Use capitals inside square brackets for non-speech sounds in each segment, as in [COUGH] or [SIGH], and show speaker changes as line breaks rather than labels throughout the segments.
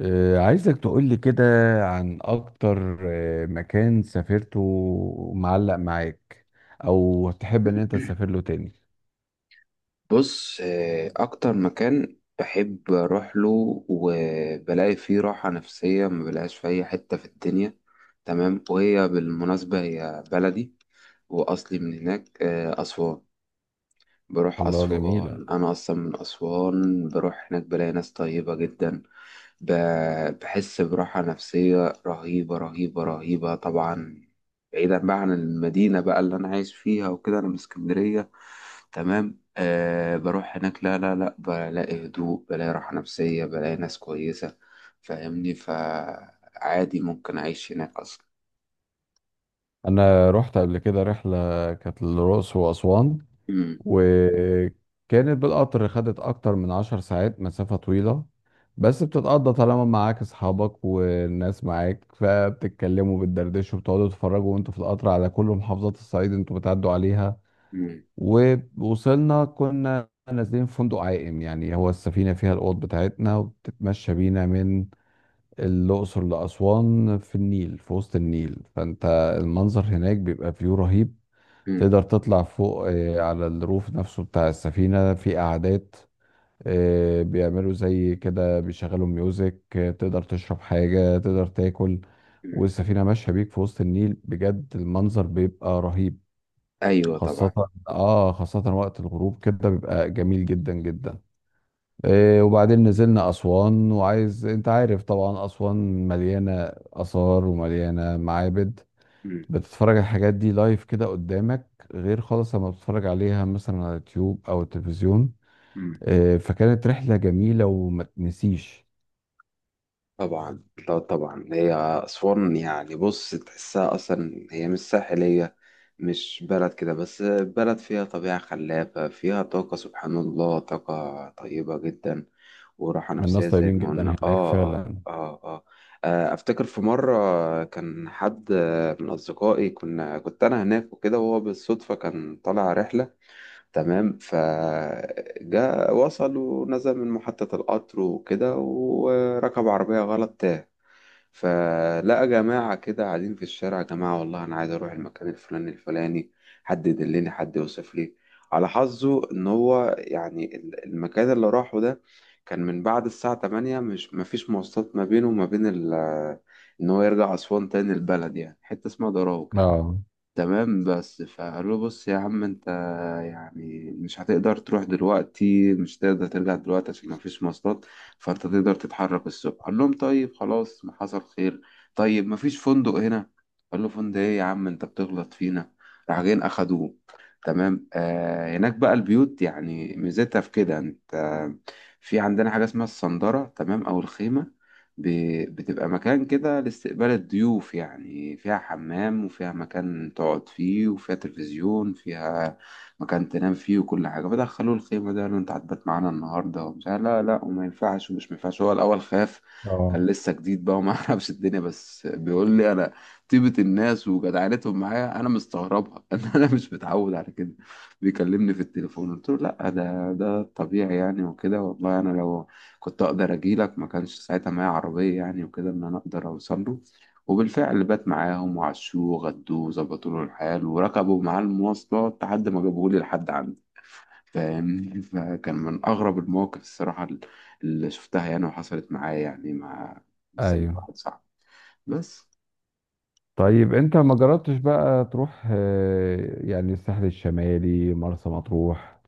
عايزك تقولي كده عن أكتر مكان سافرته معلق معاك، أو تحب إن أنت تسافر له تاني.
بص، آه، اكتر مكان بحب اروح له وبلاقي فيه راحة نفسية ما بلاقيهاش في اي حتة في الدنيا. تمام، وهي بالمناسبة هي بلدي واصلي من هناك، آه، اسوان. بروح
الله، جميلة.
اسوان، انا اصلا من اسوان، بروح هناك بلاقي ناس طيبة جدا. بحس براحة نفسية رهيبة رهيبة رهيبة، طبعا بعيدا بقى عن المدينة بقى اللي أنا عايش فيها، وكده أنا من اسكندرية. تمام، أه بروح هناك، لا لا لا، بلاقي هدوء، بلاقي راحة نفسية، بلاقي ناس كويسة. فاهمني؟ فعادي ممكن أعيش هناك أصلا.
أنا رحت قبل كده رحلة كانت للرأس وأسوان،
مم،
وكانت بالقطر. خدت أكتر من 10 ساعات، مسافة طويلة بس بتتقضى طالما معاك أصحابك والناس معاك، فبتتكلموا بتدردشوا بتقعدوا تتفرجوا وأنتوا في القطر على كل محافظات الصعيد أنتوا بتعدوا عليها.
مم،
ووصلنا كنا نازلين في فندق عائم، يعني هو السفينة فيها الأوض بتاعتنا وبتتمشى بينا من الأقصر لأسوان في النيل، في وسط النيل. فأنت المنظر هناك بيبقى فيو رهيب.
مم،
تقدر تطلع فوق على الروف نفسه بتاع السفينة، في قعدات، بيعملوا زي كده، بيشغلوا ميوزك، تقدر تشرب حاجة، تقدر تاكل،
مم.
والسفينة ماشية بيك في وسط النيل. بجد المنظر بيبقى رهيب،
أيوة
خاصة
طبعا.
اه خاصة وقت الغروب كده بيبقى جميل جدا جدا. إيه، وبعدين نزلنا أسوان، وعايز انت عارف طبعا أسوان مليانة آثار ومليانة معابد.
مم،
بتتفرج على الحاجات دي لايف كده قدامك، غير خالص لما بتتفرج عليها مثلا على اليوتيوب أو التلفزيون.
مم.
إيه، فكانت رحلة جميلة وما تنسيش.
طبعا لا، طبعا هي أسوان يعني، بص تحسها أصلا هي مش ساحلية، مش بلد كده، بس بلد فيها طبيعة خلابة، فيها طاقة، سبحان الله، طاقة طيبة جدا وراحة نفسية
الناس
زي
طيبين
ما
جدا
قلنا.
هناك
آه آه
فعلا.
آه آه. آه، أفتكر في مرة كان حد من أصدقائي، كنت أنا هناك وكده، وهو بالصدفة كان طالع رحلة. تمام، فجاء وصل ونزل من محطة القطر وكده، وركب عربية غلط، تاه. فلقى جماعة كده قاعدين في الشارع: يا جماعة والله أنا عايز أروح المكان الفلاني الفلاني، حد يدلني، حد يوصف لي. على حظه إن هو يعني المكان اللي راحه ده كان من بعد الساعة 8، مش مفيش مواصلات ما بينه وما بين إن هو يرجع أسوان تاني، البلد يعني حتة اسمها دراو.
اه،
تمام، بس فقال له: بص يا عم انت، يعني مش هتقدر تروح دلوقتي، مش هتقدر ترجع دلوقتي عشان مفيش مواصلات، فانت تقدر تتحرك الصبح. قال لهم: طيب خلاص، ما حصل خير، طيب مفيش فندق هنا؟ قال له: فندق ايه يا عم انت بتغلط فينا. راح جايين اخدوه. تمام، آه، هناك بقى البيوت يعني ميزتها في كده، انت في عندنا حاجة اسمها الصندرة، تمام، او الخيمة. بتبقى مكان كده لاستقبال الضيوف يعني، فيها حمام، وفيها مكان تقعد فيه، وفيها تلفزيون، فيها مكان تنام فيه وكل حاجة. فدخلوا الخيمة ده قالوا: انت هتبات معانا النهاردة، ومش عارف لا لا وما ينفعش ومش ما ينفعش. هو الأول خاف،
اه،
كان لسه جديد بقى وما [LAUGHS] يعرفش الدنيا. بس بيقول لي: انا طيبة الناس وجدعنتهم معايا انا مستغربها [LAUGHS] ان انا مش متعود على كده. بيكلمني في التليفون، قلت له: لا ده الطبيعي يعني، وكده، والله انا لو كنت اقدر اجيلك، ما كانش ساعتها معايا عربيه يعني وكده، ان انا اقدر اوصل له. وبالفعل بات معاهم، وعشوه، غدوه، وظبطوا له الحال، وركبوا معاه المواصلات لحد ما جابوه لي لحد عندي. فاهمني؟ فكان من اغرب المواقف الصراحه اللي شفتها يعني وحصلت معايا، يعني مع سلب
ايوه.
واحد صعب بس.
طيب انت ما جربتش بقى تروح يعني الساحل الشمالي مرسى مطروح؟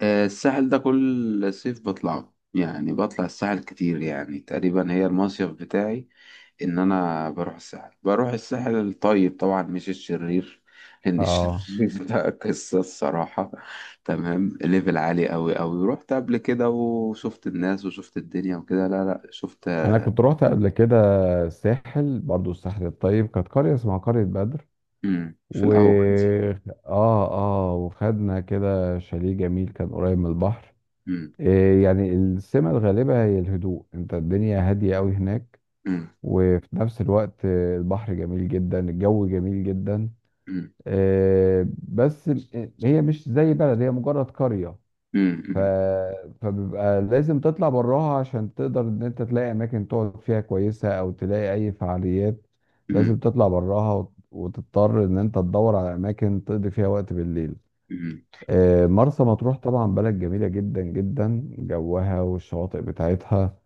آه، الساحل ده كل صيف بطلعه يعني، بطلع الساحل كتير، يعني تقريبا هي المصيف بتاعي، ان انا بروح الساحل. بروح الساحل الطيب طبعا، مش الشرير، لان
اه،
الشرير [LAUGHS] ده قصة الصراحة. تمام، ليفل عالي قوي قوي. رحت قبل كده وشفت الناس وشفت الدنيا وكده، لا لا شفت.
انا كنت روحت قبل كده الساحل، برضو الساحل الطيب. كانت قرية اسمها قرية بدر،
مم. في
و
الاول دي.
اه اه وخدنا كده شاليه جميل كان قريب من البحر.
مم.
يعني السمة الغالبة هي الهدوء، انت الدنيا هادية قوي هناك،
مم.
وفي نفس الوقت البحر جميل جدا، الجو جميل جدا.
مم.
بس هي مش زي بلد، هي مجرد قرية.
مم.
ف...
مم.
فبيبقى لازم تطلع براها عشان تقدر ان انت تلاقي اماكن تقعد فيها كويسة، او تلاقي اي فعاليات.
مم.
لازم تطلع براها وتضطر ان انت تدور على اماكن تقضي فيها وقت بالليل.
مم.
مرسى مطروح طبعا بلد جميلة جدا جدا، جوها والشواطئ بتاعتها،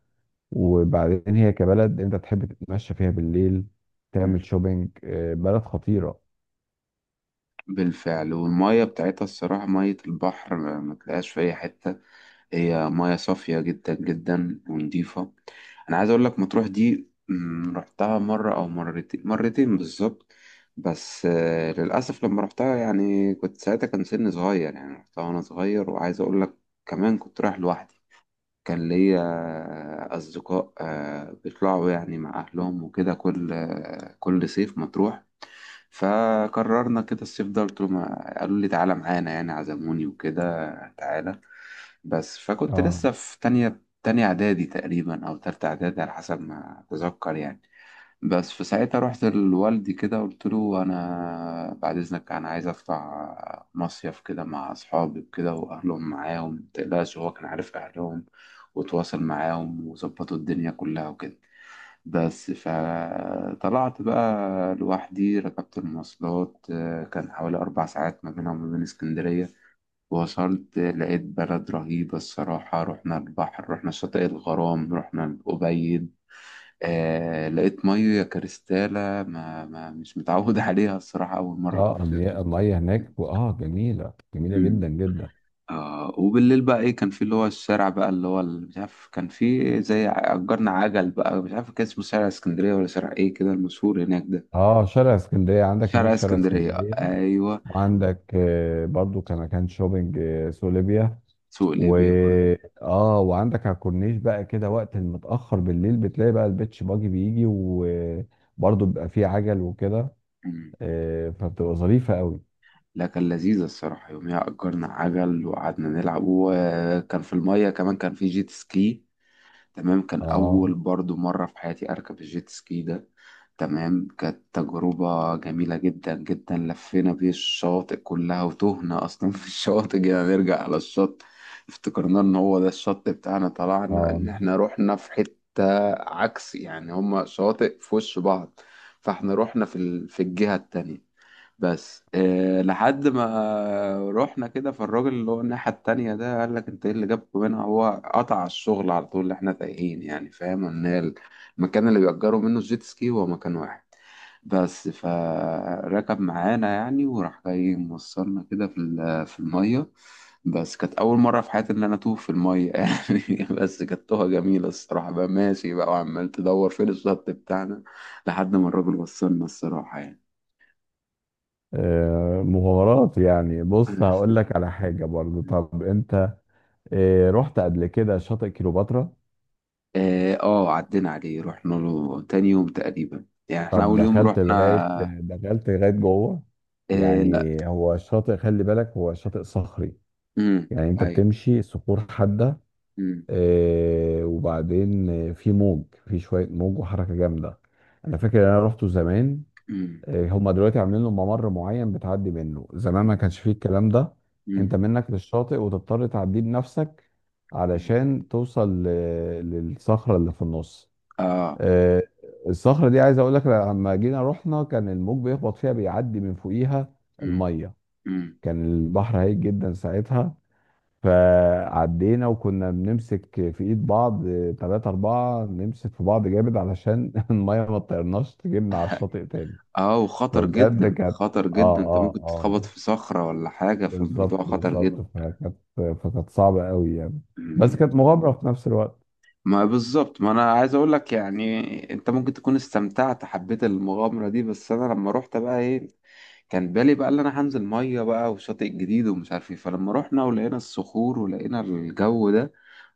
وبعدين هي كبلد انت تحب تتمشى فيها بالليل، تعمل
مم.
شوبينج، بلد خطيرة.
بالفعل، والمية بتاعتها الصراحة، مية البحر ما تلاقيهاش في أي حتة، هي مياه صافية جدا جدا ونضيفة. أنا عايز أقول لك مطروح دي، مم، رحتها مرة أو مرتين، مرتين بالظبط. بس آه، للأسف لما رحتها يعني كنت ساعتها، كان سني صغير يعني، رحتها وأنا صغير. وعايز أقول لك كمان، كنت رايح لوحدي. كان ليا أصدقاء، آه، بيطلعوا يعني مع أهلهم وكده، كل آه، كل صيف مطروح. فقررنا كده الصيف ده، قلت لهم، قالوا لي: تعالى معانا، يعني عزموني وكده، تعالى. بس فكنت
اه،
لسه في تانية إعدادي تقريبا، أو تالتة إعدادي على حسب ما أتذكر يعني. بس في ساعتها رحت لوالدي كده، قلت له: أنا بعد إذنك أنا عايز أطلع مصيف كده مع أصحابي وكده، وأهلهم معاهم متقلقش. هو كان عارف أهلهم وتواصل معاهم وظبطوا الدنيا كلها وكده. بس فطلعت بقى لوحدي، ركبت المواصلات، آه، كان حوالي أربع ساعات ما بينها وما بين اسكندرية. وصلت، آه، لقيت بلد رهيبة الصراحة. رحنا البحر، رحنا شاطئ الغرام، رحنا الأبيد. آه، لقيت مية كريستالة ما مش متعود [LAUGHS] عليها الصراحة، أول مرة
اه،
كنت أشوف.
المياه، المية هناك اه جميلة جميلة
مم.
جدا جدا.
آه، وبالليل بقى ايه، كان في اللي هو الشارع بقى اللي هو مش عارف، كان في زي اجرنا عجل بقى، مش عارف كان اسمه شارع اسكندريه ولا شارع ايه كده المشهور هناك ده.
اه، شارع اسكندريه، عندك هناك
شارع
شارع
اسكندرية
اسكندريه،
أيوة.
وعندك برضو كمكان شوبينج سوق ليبيا،
سوق
و
ليبيا برضه.
اه وعندك على الكورنيش بقى كده وقت المتاخر بالليل بتلاقي بقى البيتش باجي بيجي، وبرضو بيبقى فيه عجل وكده.
أمم.
فبتبقى ظريفه قوي.
لا، كان لذيذة الصراحة. يوميها أجرنا عجل، وقعدنا نلعب، وكان في المية كمان كان في جيت سكي. تمام، كان
اه،
أول برضو مرة في حياتي أركب الجيت سكي ده. تمام، كانت تجربة جميلة جدا جدا. لفينا بيه الشواطئ كلها، وتهنا أصلا في الشواطئ. جينا نرجع على الشط، افتكرنا إن هو ده الشط بتاعنا، طلعنا إن
اه،
إحنا رحنا في حتة عكس، يعني هما شواطئ في وش بعض، فإحنا رحنا في, في الجهة التانية. بس إيه، لحد ما رحنا كده فالراجل اللي هو الناحية التانية ده قال لك: انت ايه اللي جابكم هنا؟ هو قطع الشغل على طول اللي احنا تايهين يعني، فاهم ان هي المكان اللي بيأجروا منه الجيت سكي هو مكان واحد بس. فركب معانا يعني، وراح جاي موصلنا كده في في المية. بس كانت أول مرة في حياتي إن أنا أتوه في المية [LAUGHS] يعني بس كانت توهة جميلة الصراحة. بقى ماشي بقى وعمال تدور فين الشط بتاعنا لحد ما الراجل وصلنا الصراحة يعني.
مغامرات يعني. بص هقول لك
[LAUGHS]
على حاجه برضو. طب انت رحت قبل كده شاطئ كيلوباترا؟
اه، آه، عدينا عليه، رحنا له تاني يوم تقريبا، يعني احنا
طب
اول يوم
دخلت لغاية،
رحنا.
دخلت لغاية جوه؟
اه لا.
يعني هو الشاطئ خلي بالك هو شاطئ صخري،
امم.
يعني انت
ايوه.
بتمشي صخور حادة،
امم.
وبعدين في موج، في شوية موج وحركة جامدة. انا فاكر ان انا رحته زمان،
امم.
هما دلوقتي عاملين له ممر معين بتعدي منه، زمان ما
امم.
كانش فيه الكلام ده. انت
امم.
منك للشاطئ وتضطر تعديه بنفسك
أمم.
علشان توصل للصخرة اللي في النص.
اه.
آه، الصخرة دي عايز اقول لك لما جينا رحنا كان الموج بيخبط فيها، بيعدي من فوقيها
امم.
المية،
امم.
كان البحر هايج جدا ساعتها. فعدينا وكنا بنمسك في ايد بعض، تلاتة اربعة نمسك في بعض جامد علشان [LAUGHS] المية ما تطيرناش تجيبنا على الشاطئ تاني.
اه، وخطر
فبجد
جدا،
كانت
خطر
اه
جدا، انت
اه
ممكن
اه
تتخبط في صخرة ولا حاجة،
بالظبط
فالموضوع خطر
بالظبط،
جدا.
فكانت فكانت صعبة قوي يعني، بس
أمم.
كانت مغامرة في نفس الوقت.
ما بالظبط، ما انا عايز اقول لك يعني، انت ممكن تكون استمتعت، حبيت المغامره دي، بس انا لما روحت بقى ايه، كان بالي بقى اللي انا هنزل ميه بقى وشاطئ جديد ومش عارف ايه، فلما رحنا ولقينا الصخور ولقينا الجو ده،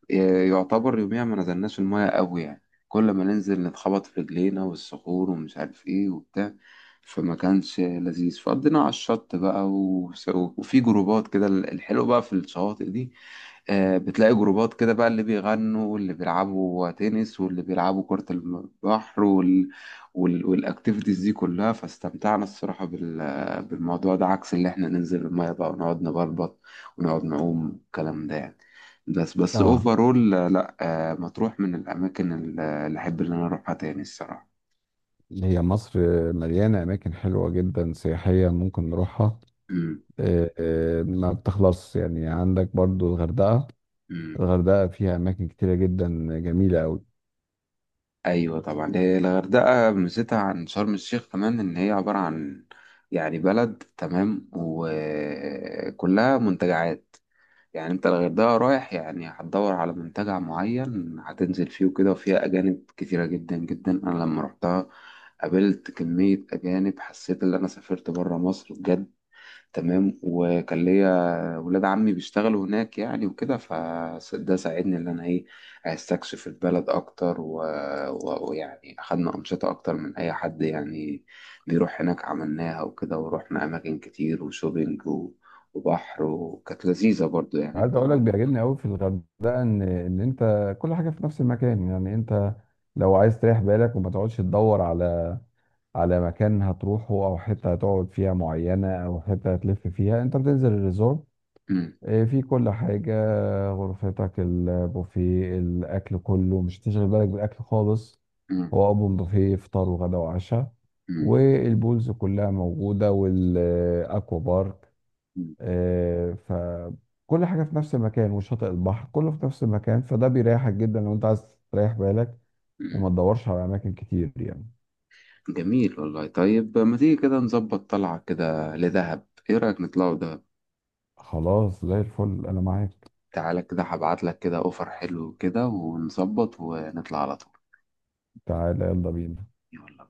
إيه، يعتبر يوميا ما نزلناش الميه قوي يعني. كل ما ننزل نتخبط في رجلينا والصخور ومش عارف ايه وبتاع، فما كانش لذيذ. فقضينا على الشط بقى، وفي جروبات كده الحلو بقى في الشواطئ دي. آه، بتلاقي جروبات كده بقى، اللي بيغنوا واللي بيلعبوا تنس واللي بيلعبوا كرة البحر والاكتيفيتيز دي كلها. فاستمتعنا الصراحة بالموضوع ده، عكس اللي احنا ننزل المية بقى ونقعد نبلبط ونقعد نعوم الكلام ده يعني. بس
اه،
اوفرول لا، آه، مطروح من الاماكن اللي احب ان انا اروحها تاني الصراحة.
هي مصر مليانة أماكن حلوة جدا سياحية ممكن نروحها.
مم.
ما بتخلص يعني. عندك برضو الغردقة،
مم.
الغردقة فيها أماكن كتيرة جدا جميلة أوي.
ايوه طبعا، هي الغردقه ميزتها عن شرم الشيخ كمان ان هي عباره عن، يعني، بلد تمام وكلها منتجعات. يعني انت الغردقه رايح يعني هتدور على منتجع معين هتنزل فيه وكده، وفيها اجانب كتيره جدا جدا. انا لما رحتها قابلت كميه اجانب، حسيت ان انا سافرت بره مصر بجد. تمام، وكان ليا ولاد عمي بيشتغلوا هناك يعني وكده، فده ساعدني ان انا ايه استكشف البلد اكتر ويعني اخدنا انشطه اكتر من اي حد يعني بيروح هناك. عملناها وكده، ورحنا اماكن كتير وشوبينج وبحر، وكانت لذيذه برضو يعني
عايز أقول لك
طبعا.
بيعجبني أوي في الغردقة إن أنت كل حاجة في نفس المكان، يعني أنت لو عايز تريح بالك وما تقعدش تدور على على مكان هتروحه، أو حتة هتقعد فيها معينة، أو حتة هتلف فيها، أنت بتنزل الريزورت.
مم.
إيه، في كل حاجة، غرفتك، البوفيه، الأكل كله، مش هتشغل بالك بالأكل خالص،
مم.
هو أوبن بوفيه فطار وغدا وعشاء،
مم.
والبولز كلها موجودة، والأكوا بارك.
مم.
إيه، فكل حاجة في نفس المكان، وشاطئ البحر كله في نفس المكان، فده بيريحك جدا لو أنت عايز تريح بالك
مم.
وما تدورش على أماكن كتير يعني.
جميل والله. طيب ما تيجي كده نظبط طلعه كده لدهب، ايه رايك نطلعوا دهب؟
خلاص زي الفل، أنا معاك.
تعالى كده هبعت لك كده اوفر حلو كده، ونظبط ونطلع على طول.
تعالى يلا بينا.
يلا.